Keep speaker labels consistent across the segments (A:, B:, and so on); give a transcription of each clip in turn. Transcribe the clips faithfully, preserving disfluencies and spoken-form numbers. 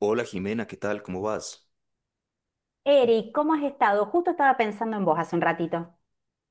A: Hola Jimena, ¿qué tal? ¿Cómo vas?
B: Eric, ¿cómo has estado? Justo estaba pensando en vos hace un ratito.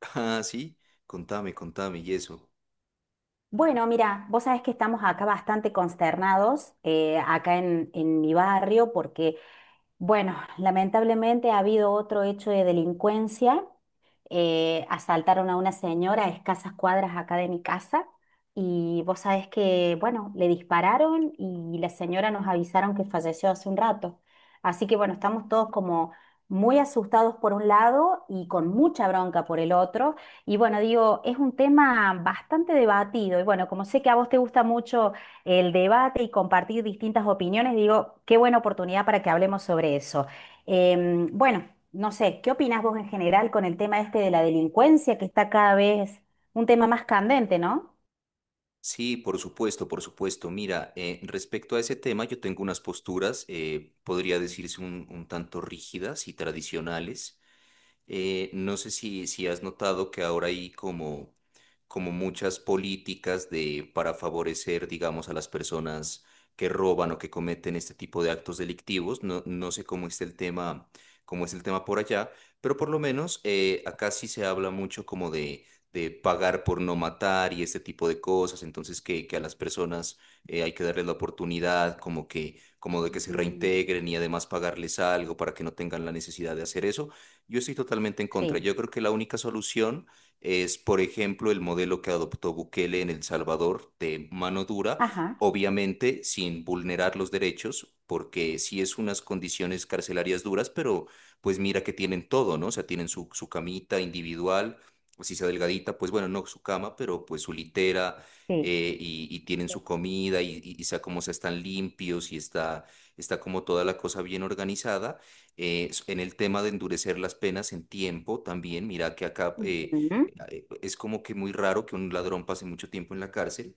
A: Ah, sí, contame, contame y eso.
B: Bueno, mira, vos sabés que estamos acá bastante consternados, eh, acá en, en mi barrio, porque, bueno, lamentablemente ha habido otro hecho de delincuencia eh, asaltaron a una señora a escasas cuadras acá de mi casa y vos sabés que, bueno, le dispararon y la señora nos avisaron que falleció hace un rato. Así que, bueno, estamos todos como muy asustados por un lado y con mucha bronca por el otro. Y bueno, digo, es un tema bastante debatido. Y bueno, como sé que a vos te gusta mucho el debate y compartir distintas opiniones, digo, qué buena oportunidad para que hablemos sobre eso. Em, bueno. No sé, ¿qué opinás vos en general con el tema este de la delincuencia, que está cada vez un tema más candente, ¿no?
A: Sí, por supuesto, por supuesto. Mira, eh, respecto a ese tema, yo tengo unas posturas, eh, podría decirse un, un tanto rígidas y tradicionales. Eh, no sé si, si has notado que ahora hay como, como muchas políticas de, para favorecer, digamos, a las personas que roban o que cometen este tipo de actos delictivos. No, no sé cómo está el tema, cómo es el tema por allá, pero por lo menos eh, acá sí se habla mucho como de, de pagar por no matar y este tipo de cosas. Entonces que, que a las personas eh, hay que darles la oportunidad, como que, como de que se
B: Mm,
A: reintegren y además pagarles algo para que no tengan la necesidad de hacer eso. Yo estoy totalmente en contra.
B: sí.
A: Yo creo que la única solución es, por ejemplo, el modelo que adoptó Bukele en El Salvador de mano dura,
B: Ajá,
A: obviamente sin vulnerar los derechos, porque sí es unas condiciones carcelarias duras, pero pues mira que tienen todo, ¿no? O sea, tienen su, su camita individual, o si sea delgadita, pues bueno, no su cama, pero pues su litera.
B: sí.
A: eh, y, y tienen
B: Sí.
A: su comida y, y, y sea como sea, están limpios y está, está como toda la cosa bien organizada. Eh, s- en el tema de endurecer las penas en tiempo también, mira que acá eh,
B: Ujú.
A: eh, es como que muy raro que un ladrón pase mucho tiempo en la cárcel.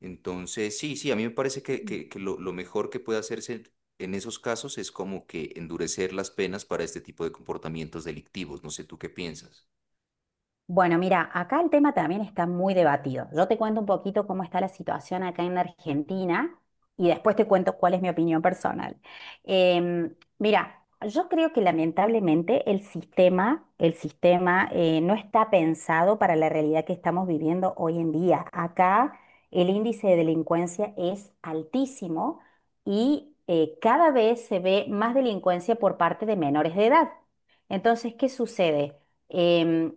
A: Entonces, sí, sí, a mí me parece que, que- que lo, lo mejor que puede hacerse en esos casos es como que endurecer las penas para este tipo de comportamientos delictivos. No sé tú qué piensas.
B: Bueno, mira, acá el tema también está muy debatido. Yo te cuento un poquito cómo está la situación acá en Argentina y después te cuento cuál es mi opinión personal. Em, mira, yo creo que lamentablemente el sistema, el sistema eh, no está pensado para la realidad que estamos viviendo hoy en día. Acá el índice de delincuencia es altísimo y eh, cada vez se ve más delincuencia por parte de menores de edad. Entonces, ¿qué sucede? Em,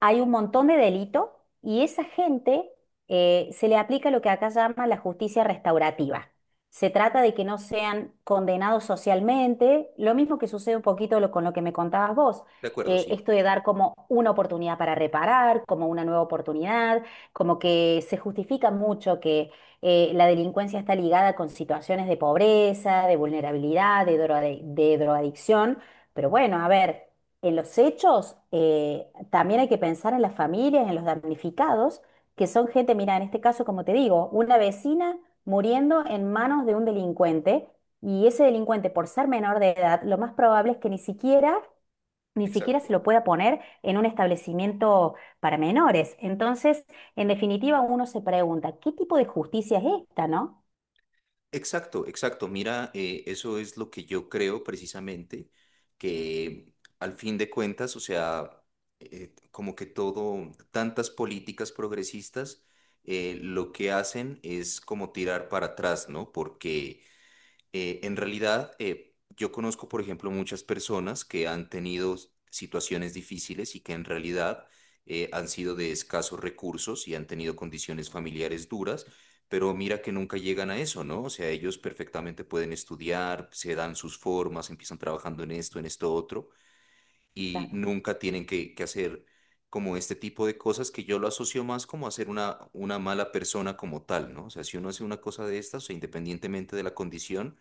B: hay un montón de delito y esa gente eh, se le aplica lo que acá llama la justicia restaurativa. Se trata de que no sean condenados socialmente, lo mismo que sucede un poquito lo- con lo que me contabas vos,
A: De acuerdo,
B: eh,
A: sí,
B: esto de dar como una oportunidad para reparar, como una nueva oportunidad, como que se justifica mucho que eh, la delincuencia está ligada con situaciones de pobreza, de vulnerabilidad, de droga- de drogadicción, pero bueno, a ver. En los hechos, eh, también hay que pensar en las familias, en los damnificados, que son gente, mira, en este caso, como te digo, una vecina muriendo en manos de un delincuente y ese delincuente, por ser menor de edad, lo más probable es que ni siquiera, ni siquiera
A: exacto.
B: se lo pueda poner en un establecimiento para menores. Entonces, en definitiva, uno se pregunta, ¿qué tipo de justicia es esta, no?
A: Exacto, exacto. Mira, eh, eso es lo que yo creo precisamente, que al fin de cuentas, o sea, eh, como que todo, tantas políticas progresistas, eh, lo que hacen es como tirar para atrás, ¿no? Porque eh, en realidad, eh, yo conozco, por ejemplo, muchas personas que han tenido situaciones difíciles y que en realidad eh, han sido de escasos recursos y han tenido condiciones familiares duras, pero mira que nunca llegan a eso, ¿no? O sea, ellos perfectamente pueden estudiar, se dan sus formas, empiezan trabajando en esto, en esto otro, y
B: Claro.
A: nunca tienen que, que hacer como este tipo de cosas que yo lo asocio más como a ser una, una mala persona como tal, ¿no? O sea, si uno hace una cosa de estas, o sea, independientemente de la condición,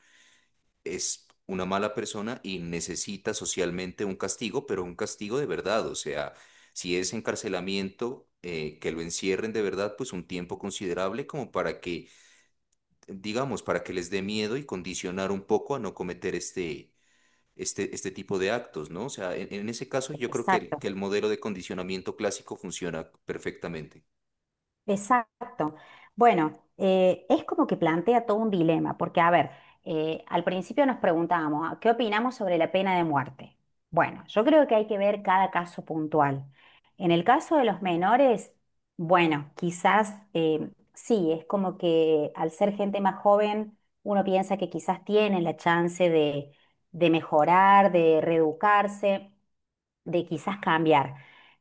A: es una mala persona y necesita socialmente un castigo, pero un castigo de verdad. O sea, si es encarcelamiento, eh, que lo encierren de verdad, pues un tiempo considerable como para que, digamos, para que les dé miedo y condicionar un poco a no cometer este, este, este tipo de actos, ¿no? O sea, en, en ese caso yo creo que el,
B: Exacto.
A: que el modelo de condicionamiento clásico funciona perfectamente.
B: Exacto. Bueno, eh, es como que plantea todo un dilema, porque a ver, eh, al principio nos preguntábamos, ah, ¿qué opinamos sobre la pena de muerte? Bueno, yo creo que hay que ver cada caso puntual. En el caso de los menores, bueno, quizás eh, sí, es como que al ser gente más joven, uno piensa que quizás tienen la chance de, de mejorar, de reeducarse de quizás cambiar.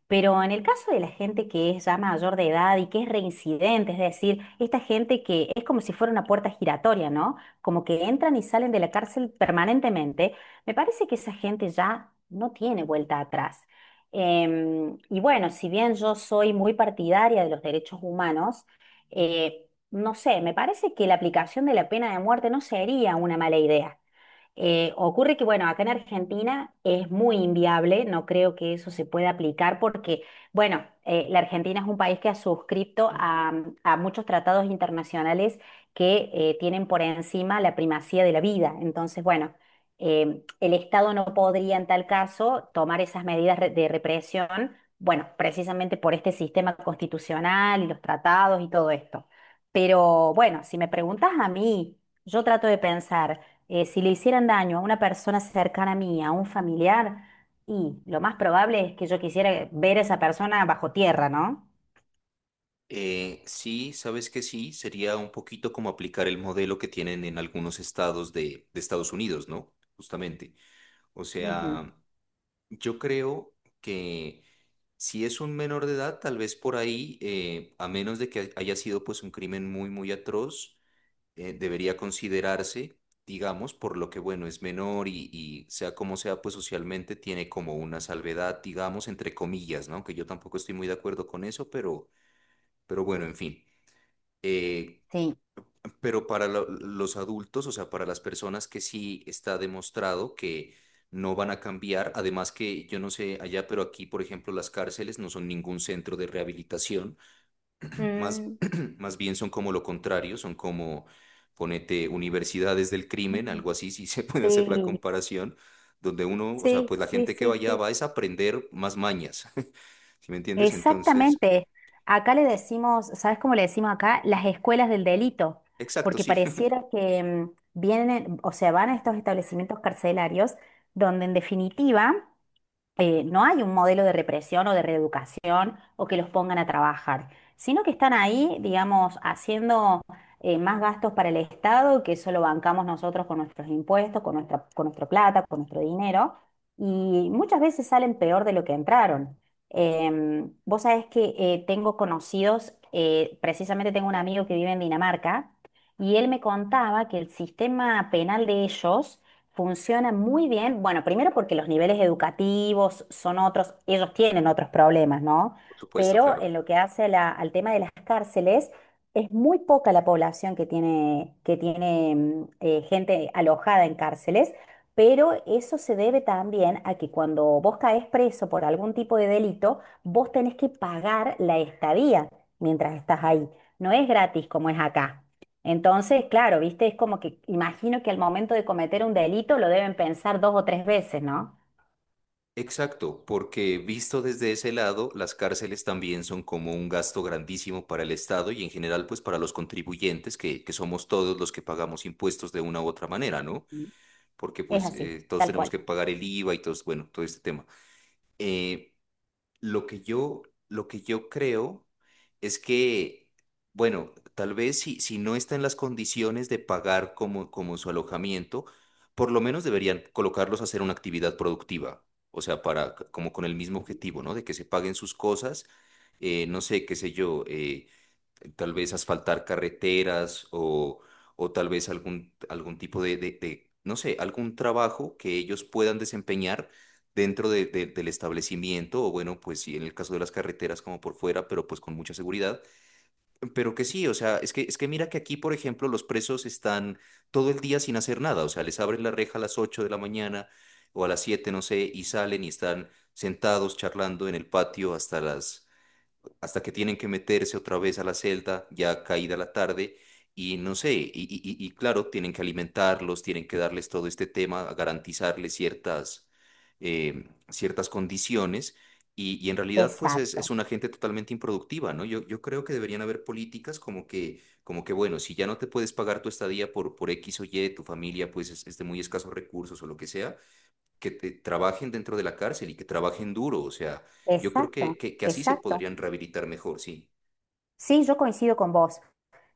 B: Pero en el caso de la gente que es ya mayor de edad y que es reincidente, es decir, esta gente que es como si fuera una puerta giratoria, ¿no? Como que entran y salen de la cárcel permanentemente, me parece que esa gente ya no tiene vuelta atrás. Em, y bueno, si bien yo soy muy partidaria de los derechos humanos, eh, no sé, me parece que la aplicación de la pena de muerte no sería una mala idea. Eh, ocurre que, bueno, acá en Argentina es muy inviable, no creo que eso se pueda aplicar porque, bueno, eh, la Argentina es un país que ha suscrito a, a muchos tratados internacionales que eh, tienen por encima la primacía de la vida. Entonces, bueno, eh, el Estado no podría en tal caso tomar esas medidas re- de represión, bueno, precisamente por este sistema constitucional y los tratados y todo esto. Pero bueno, si me preguntas a mí, yo trato de pensar eh, si le hicieran daño a una persona cercana a mí, a un familiar, y lo más probable es que yo quisiera ver a esa persona bajo tierra, ¿no?
A: Eh, sí, sabes que sí, sería un poquito como aplicar el modelo que tienen en algunos estados de, de Estados Unidos, ¿no? Justamente. O
B: Ujú.
A: sea, yo creo que si es un menor de edad, tal vez por ahí, eh, a menos de que haya sido pues un crimen muy, muy atroz, eh, debería considerarse, digamos, por lo que, bueno, es menor y, y sea como sea, pues socialmente tiene como una salvedad, digamos, entre comillas, ¿no? Que yo tampoco estoy muy de acuerdo con eso, pero, pero bueno, en fin. Eh,
B: Sí.
A: pero para lo- los adultos, o sea, para las personas que sí está demostrado que no van a cambiar, además que yo no sé allá, pero aquí, por ejemplo, las cárceles no son ningún centro de rehabilitación, más,
B: Mm,
A: más bien son como lo contrario, son como, ponete, universidades del crimen, algo así, si se puede hacer la
B: sí,
A: comparación, donde uno, o sea,
B: sí,
A: pues la
B: sí,
A: gente que
B: sí,
A: vaya
B: sí.
A: va es a aprender más mañas, ¿sí me entiendes? Entonces,
B: Exactamente. Acá le decimos, ¿sabes cómo le decimos acá? Las escuelas del delito,
A: exacto,
B: porque
A: sí,
B: pareciera que mm, vienen, o sea, van a estos establecimientos carcelarios donde en definitiva eh, no hay un modelo de represión o de reeducación o que los pongan a trabajar, sino que están ahí, digamos, haciendo eh, más gastos para el Estado que solo bancamos nosotros con nuestros impuestos, con nuestra, con nuestra plata, con nuestro dinero, y muchas veces salen peor de lo que entraron. Em, vos sabés que eh, tengo conocidos, eh, precisamente tengo un amigo que vive en Dinamarca, y él me contaba que el sistema penal de ellos funciona muy bien. Bueno, primero porque los niveles educativos son otros, ellos tienen otros problemas, ¿no?
A: por supuesto,
B: Pero
A: claro.
B: en lo que hace la- al tema de las cárceles, es muy poca la población que tiene, que tiene mm, eh, gente alojada en cárceles, pero eso se debe también a que cuando vos caes preso por algún tipo de delito, vos tenés que pagar la estadía mientras estás ahí. No es gratis como es acá. Entonces, claro, viste, es como que imagino que al momento de cometer un delito lo deben pensar dos o tres veces, ¿no?
A: Exacto, porque visto desde ese lado, las cárceles también son como un gasto grandísimo para el Estado y en general pues para los contribuyentes, que, que somos todos los que pagamos impuestos de una u otra manera, ¿no? Porque
B: Es
A: pues
B: así,
A: eh, todos
B: tal
A: tenemos
B: cual.
A: que pagar el IVA y todos, bueno, todo este tema. Eh, lo que yo, lo que yo creo es que, bueno, tal vez si, si no está en las condiciones de pagar como, como su alojamiento, por lo menos deberían colocarlos a hacer una actividad productiva. O sea, para, c- como con el mismo objetivo, ¿no? De que se paguen sus cosas, eh, no sé, qué sé yo, eh, tal vez asfaltar carreteras o, o tal vez algún, algún tipo de, de- de, no sé, algún trabajo que ellos puedan desempeñar dentro de- de- del establecimiento o bueno, pues sí, en el caso de las carreteras como por fuera, pero pues con mucha seguridad. Pero que sí, o sea, es que, es que mira que aquí, por ejemplo, los presos están todo el día sin hacer nada, o sea, les abren la reja a las ocho de la mañana o a las siete no sé, y salen y están sentados charlando en el patio hasta las hasta que tienen que meterse otra vez a la celda, ya caída la tarde, y no sé, y, y- y- y claro, tienen que alimentarlos, tienen que darles todo este tema, a garantizarles ciertas, eh, ciertas condiciones, y, y en realidad pues es, es
B: Exacto,
A: una gente totalmente improductiva, ¿no? Yo, yo creo que deberían haber políticas como que, como que, bueno, si ya no te puedes pagar tu estadía por, por X o Y, tu familia pues es, es de muy escasos recursos o lo que sea que te- trabajen dentro de la cárcel y que trabajen duro. O sea, yo creo que,
B: exacto,
A: que, que así se
B: exacto.
A: podrían rehabilitar mejor, sí.
B: Sí, yo coincido con vos.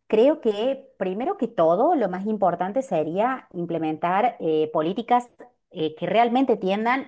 B: Creo que primero que todo, lo más importante sería implementar eh, políticas eh, que realmente tiendan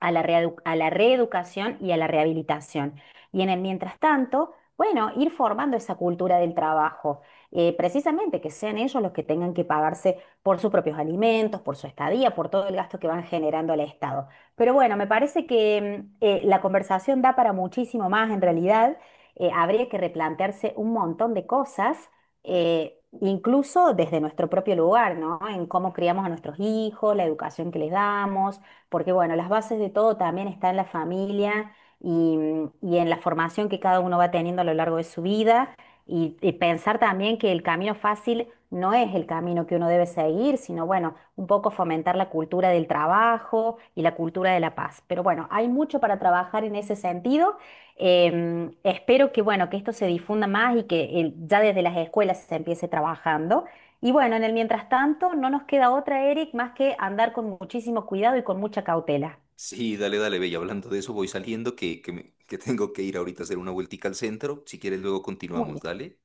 B: a la reedu- a la reeducación y a la rehabilitación. Y en el mientras tanto, bueno, ir formando esa cultura del trabajo, eh, precisamente que sean ellos los que tengan que pagarse por sus propios alimentos, por su estadía, por todo el gasto que van generando al Estado. Pero bueno, me parece que mm, eh, la conversación da para muchísimo más en realidad. Eh, habría que replantearse un montón de cosas. eh, Incluso desde nuestro propio lugar, ¿no? En cómo criamos a nuestros hijos, la educación que les damos, porque bueno, las bases de todo también está en la familia y, y en la formación que cada uno va teniendo a lo largo de su vida y, y pensar también que el camino fácil no es el camino que uno debe seguir, sino bueno, un poco fomentar la cultura del trabajo y la cultura de la paz. Pero bueno, hay mucho para trabajar en ese sentido. Em, espero que bueno, que esto se difunda más y que el- ya desde las escuelas se empiece trabajando. Y bueno, en el mientras tanto, no nos queda otra, Eric, más que andar con muchísimo cuidado y con mucha cautela.
A: Sí, dale, dale, Bella. Hablando de eso, voy saliendo, que, que, me- que tengo que ir ahorita a hacer una vueltica al centro. Si quieres, luego
B: Muy
A: continuamos,
B: bien.
A: dale.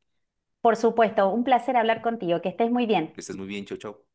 B: Por supuesto, un placer hablar contigo, que estés muy bien.
A: Que estés muy bien, chao, chao.